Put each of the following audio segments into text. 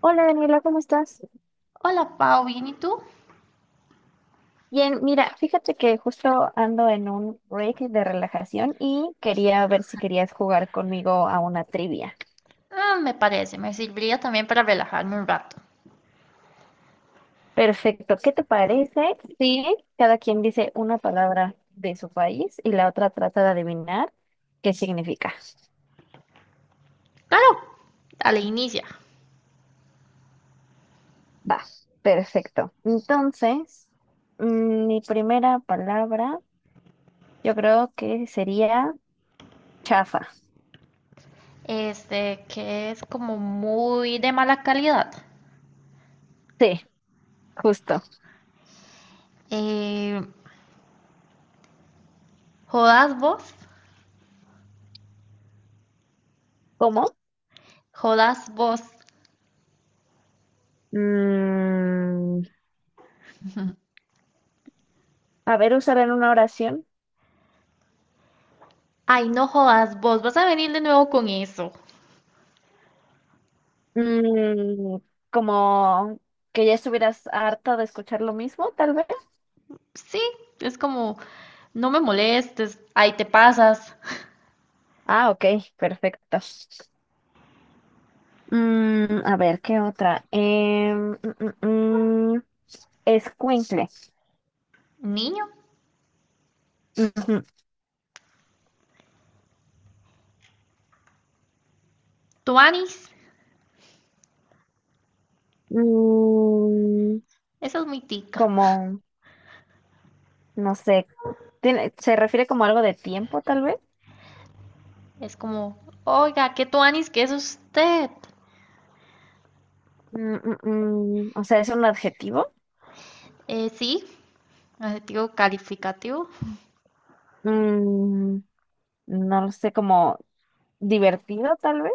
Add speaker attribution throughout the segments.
Speaker 1: Hola Daniela, ¿cómo estás?
Speaker 2: Hola, Pau, ¿bien y tú?
Speaker 1: Bien, mira, fíjate que justo ando en un break de relajación y quería ver si querías jugar conmigo a una trivia.
Speaker 2: Ah, me parece, me serviría también para relajarme un rato.
Speaker 1: Perfecto, ¿qué te parece si cada quien dice una palabra de su país y la otra trata de adivinar qué significa?
Speaker 2: Claro, dale, inicia.
Speaker 1: Va, perfecto. Entonces, mi primera palabra yo creo que sería chafa.
Speaker 2: Este, que es como muy de mala calidad.
Speaker 1: Sí, justo.
Speaker 2: Eh, jodas vos,
Speaker 1: ¿Cómo?
Speaker 2: jodas vos.
Speaker 1: Mm, A ver, usar en una oración.
Speaker 2: Ay, no jodas vos, vas a venir de nuevo con eso.
Speaker 1: Mm, como que ya estuvieras harta de escuchar lo mismo, tal vez.
Speaker 2: Sí, es como, no me molestes, ahí te pasas.
Speaker 1: Ah, ok, perfecto. A ver, ¿qué otra? Escuincle.
Speaker 2: Niño,
Speaker 1: Ujú.
Speaker 2: tuanis,
Speaker 1: Mm,
Speaker 2: esa es muy tica.
Speaker 1: como, no sé, se refiere como algo de tiempo, tal vez.
Speaker 2: Es como, oiga, ¿qué tuanis? ¿Qué es usted?
Speaker 1: Mm, mm, o sea, es un adjetivo.
Speaker 2: Sí, adjetivo calificativo.
Speaker 1: Mm, no lo sé, como divertido, tal vez.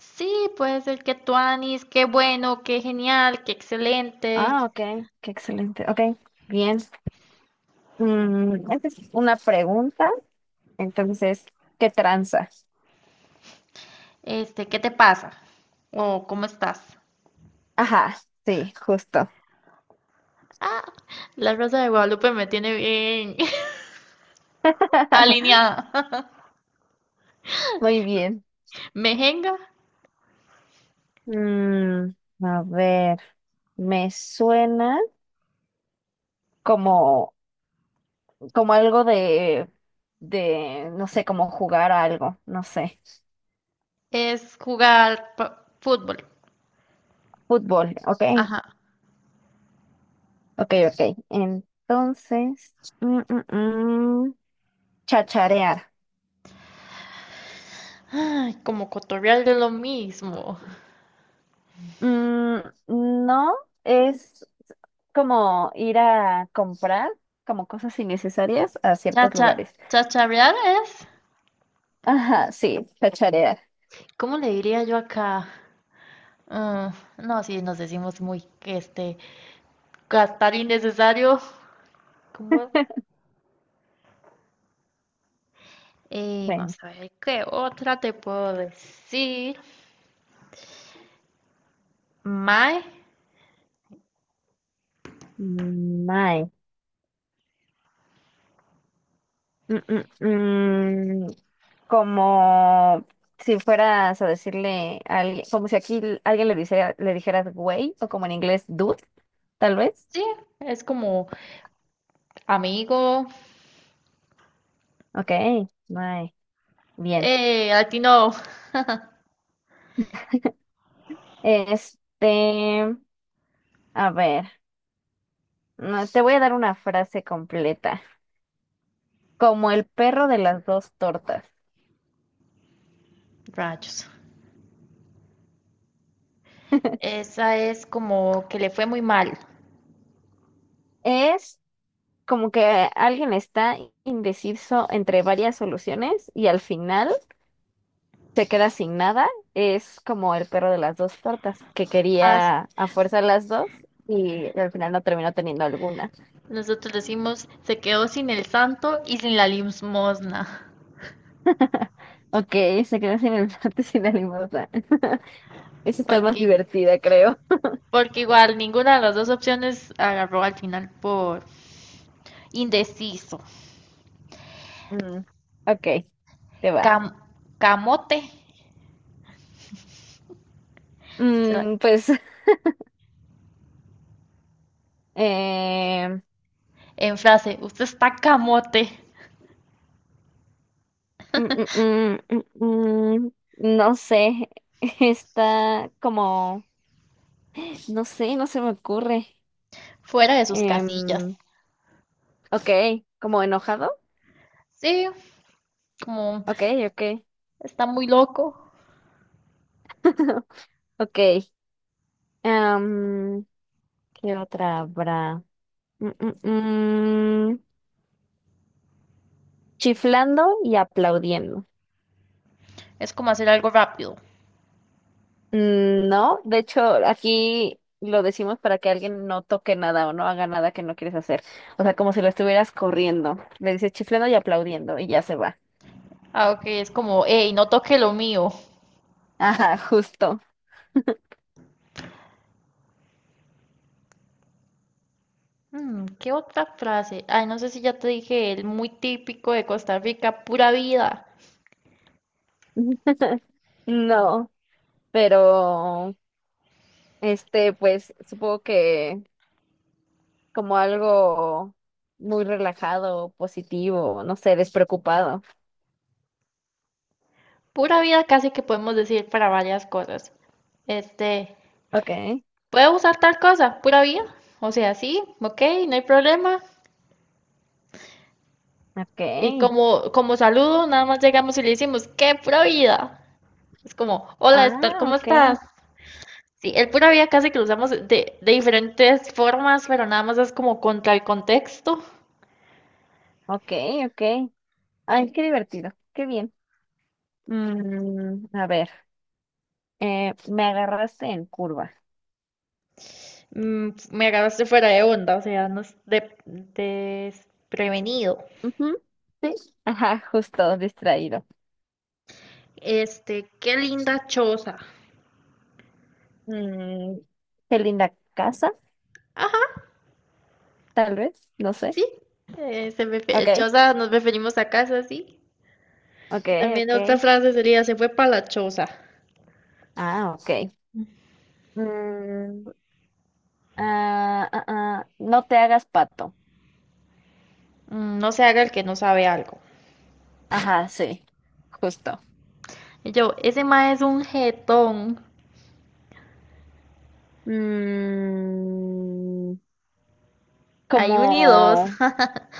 Speaker 2: Sí, puede ser que tuanis, qué bueno, qué genial, qué excelente.
Speaker 1: Ah, ok, qué excelente. Ok, bien. Esa es una pregunta. Entonces, ¿qué tranza?
Speaker 2: Este, ¿qué te pasa? O ¿cómo estás?
Speaker 1: Ajá, sí, justo.
Speaker 2: La Rosa de Guadalupe me tiene bien alineada.
Speaker 1: Muy bien.
Speaker 2: Mejenga
Speaker 1: Mm, a ver, me suena como, como algo de, no sé, como jugar a algo, no sé.
Speaker 2: es jugar fútbol.
Speaker 1: Fútbol, ok,
Speaker 2: Ajá.
Speaker 1: ok, ok. Entonces, mm, mm, mm, chacharear.
Speaker 2: Ay, como cotorrear de lo mismo.
Speaker 1: Mm, no, es como ir a comprar como cosas innecesarias a ciertos
Speaker 2: Chacha,
Speaker 1: lugares.
Speaker 2: chacharear es.
Speaker 1: Ajá, sí, chacharear.
Speaker 2: ¿Cómo le diría yo acá? Mm, no, sí, nos decimos muy, este, gastar innecesario. ¿Cómo? Y
Speaker 1: Bueno,
Speaker 2: vamos a ver, ¿qué otra te puedo decir? Mae,
Speaker 1: ay, mm, mm, mm, como si fueras a decirle a alguien, como si aquí alguien le dijera, le dijeras güey, o como en inglés dude, tal vez.
Speaker 2: sí, es como amigo,
Speaker 1: Ok, ay, bien.
Speaker 2: a ti no.
Speaker 1: Este, a ver, no, te voy a dar una frase completa, como el perro de las dos tortas.
Speaker 2: Rayos. Esa es como que le fue muy mal.
Speaker 1: Es como que alguien está indeciso entre varias soluciones y al final se queda sin nada, es como el perro de las dos tortas, que
Speaker 2: As-
Speaker 1: quería a fuerza las dos y al final no terminó teniendo alguna.
Speaker 2: Nosotros decimos, se quedó sin el santo y sin la limosna,
Speaker 1: Ok, se quedó sin el plato y sin la limosna. Eso está más
Speaker 2: porque,
Speaker 1: divertida, creo.
Speaker 2: porque igual ninguna de las dos opciones agarró al final por indeciso.
Speaker 1: Mm, ok, te va.
Speaker 2: Cam- camote, se la-
Speaker 1: Pues, eh,
Speaker 2: en frase, usted está camote.
Speaker 1: mm, mm, mm, mm, mm, no sé, está como, no sé, no se me ocurre.
Speaker 2: Fuera de sus casillas.
Speaker 1: Em, ok, como enojado.
Speaker 2: Sí, como
Speaker 1: Ok, ok.
Speaker 2: está muy loco,
Speaker 1: Ok. Em, ¿qué otra habrá? Mm, mm, mm, Chiflando y aplaudiendo.
Speaker 2: es como hacer algo rápido.
Speaker 1: No, de hecho, aquí lo decimos para que alguien no toque nada o no haga nada que no quieres hacer. O sea, como si lo estuvieras corriendo. Le dices chiflando y aplaudiendo y ya se va.
Speaker 2: Ah, ok, es como, hey, no toque lo mío.
Speaker 1: Ajá, justo.
Speaker 2: ¿Qué otra frase? Ay, no sé si ya te dije, el muy típico de Costa Rica, pura vida.
Speaker 1: No, pero este, pues supongo que como algo muy relajado, positivo, no sé, despreocupado.
Speaker 2: Pura vida casi que podemos decir para varias cosas. Este,
Speaker 1: Okay,
Speaker 2: ¿puedo usar tal cosa? Pura vida. O sea, sí, ok, no hay problema. Y
Speaker 1: okay.
Speaker 2: como, como saludo, nada más llegamos y le decimos, ¿qué pura vida? Es como, hola, Estar,
Speaker 1: Ah,
Speaker 2: ¿cómo estás?
Speaker 1: okay,
Speaker 2: Sí, el pura vida casi que lo usamos de diferentes formas, pero nada más es como contra el contexto.
Speaker 1: okay, okay. Ay, qué divertido, qué bien. A ver, me agarraste en curva.
Speaker 2: Me agarraste fuera de onda, o sea, no es desprevenido.
Speaker 1: Ujú, sí, ajá, justo, distraído.
Speaker 2: Este, qué linda choza.
Speaker 1: Mm, qué linda casa,
Speaker 2: Ajá,
Speaker 1: tal vez, no sé.
Speaker 2: sí,
Speaker 1: Okay,
Speaker 2: choza nos referimos a casa, sí.
Speaker 1: okay,
Speaker 2: También otra
Speaker 1: okay.
Speaker 2: frase sería, se fue para la choza.
Speaker 1: Ah, okay. Mm, ah, ah, ah, no te hagas pato.
Speaker 2: No se haga el que no sabe algo.
Speaker 1: Ajá, sí, justo.
Speaker 2: Y yo, ese ma es un jetón.
Speaker 1: Mm,
Speaker 2: Hay un y dos.
Speaker 1: como,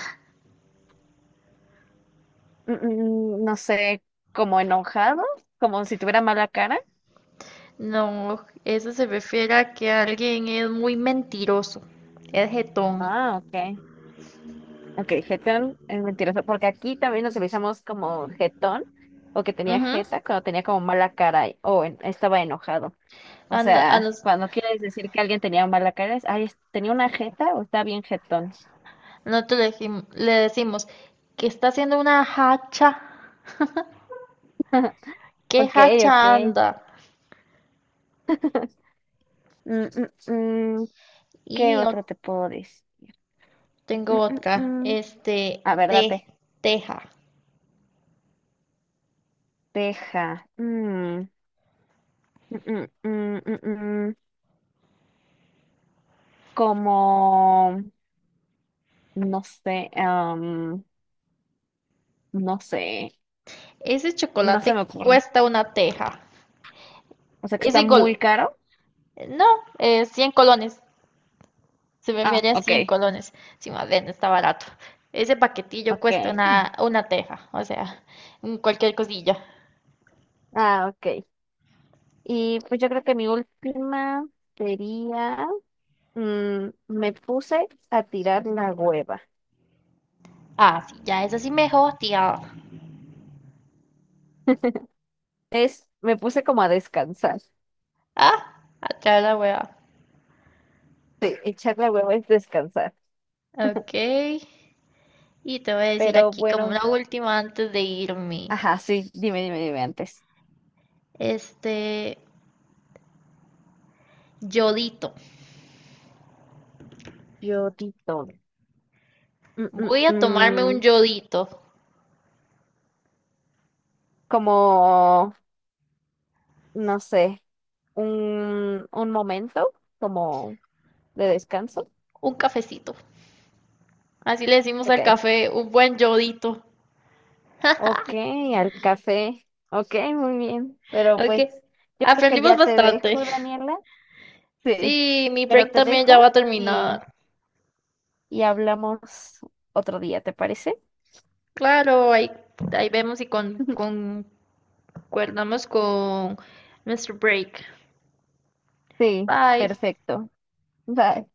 Speaker 1: no sé, como enojado como si tuviera mala cara.
Speaker 2: No, eso se refiere a que alguien es muy mentiroso, es jetón.
Speaker 1: Ah, ok. Ok, jetón es mentiroso, porque aquí también nos utilizamos como jetón, o que tenía
Speaker 2: Ujú.
Speaker 1: jeta cuando tenía como mala cara estaba enojado. O
Speaker 2: Anda- a
Speaker 1: sea,
Speaker 2: los-
Speaker 1: cuando quieres decir que alguien tenía mala cara, es, ay, tenía una jeta o está bien jetón.
Speaker 2: nosotros le, le decimos que está haciendo una hacha. ¿Qué
Speaker 1: Ok,
Speaker 2: hacha
Speaker 1: ok.
Speaker 2: anda?
Speaker 1: Mm, mm, mm, ¿qué
Speaker 2: Y yo
Speaker 1: otro te puedo decir?
Speaker 2: tengo
Speaker 1: Mm, mm,
Speaker 2: otra,
Speaker 1: mm.
Speaker 2: este,
Speaker 1: A ver,
Speaker 2: te,
Speaker 1: date.
Speaker 2: teja.
Speaker 1: Teja. Mm, mm, mm, mm, mm. Como, no sé, am, no sé,
Speaker 2: Ese
Speaker 1: no se me
Speaker 2: chocolate
Speaker 1: ocurre.
Speaker 2: cuesta una teja.
Speaker 1: O sea, que
Speaker 2: Es
Speaker 1: está muy
Speaker 2: igual,
Speaker 1: caro.
Speaker 2: no, 100 colones. Se me
Speaker 1: Ah,
Speaker 2: feria
Speaker 1: ok,
Speaker 2: 100 colones. Sí, más bien, está barato. Ese paquetillo cuesta
Speaker 1: ok. Mm.
Speaker 2: una, teja, o sea, un cualquier cosilla.
Speaker 1: Ah, ok. Y pues yo creo que mi última sería, me puse a tirar la hueva.
Speaker 2: Ah, sí, ya es así mejor, tía.
Speaker 1: Es, me puse como a descansar.
Speaker 2: Ah, atrás la hueva.
Speaker 1: Sí, echar la hueva es descansar.
Speaker 2: Ok. Y te voy a decir
Speaker 1: Pero
Speaker 2: aquí como
Speaker 1: bueno.
Speaker 2: una última antes de irme.
Speaker 1: Ajá, sí, dime, dime, dime antes.
Speaker 2: Este, yodito.
Speaker 1: Yo di todo. Mm, mm,
Speaker 2: Voy a tomarme un
Speaker 1: mm.
Speaker 2: yodito,
Speaker 1: Como, no sé, un momento como de descanso.
Speaker 2: un cafecito. Así le decimos
Speaker 1: Ok,
Speaker 2: al café, un buen yodito.
Speaker 1: ok, al café. Ok, muy bien. Pero
Speaker 2: Ok.
Speaker 1: pues yo creo que
Speaker 2: Aprendimos
Speaker 1: ya te
Speaker 2: bastante.
Speaker 1: dejo, Daniela. Sí.
Speaker 2: Sí, mi
Speaker 1: Pero
Speaker 2: break
Speaker 1: te
Speaker 2: también
Speaker 1: dejo
Speaker 2: ya va a
Speaker 1: y,
Speaker 2: terminar.
Speaker 1: y hablamos otro día, ¿te parece?
Speaker 2: Claro, ahí, ahí vemos y con, concordamos con nuestro break.
Speaker 1: Sí,
Speaker 2: Bye.
Speaker 1: perfecto. Bye.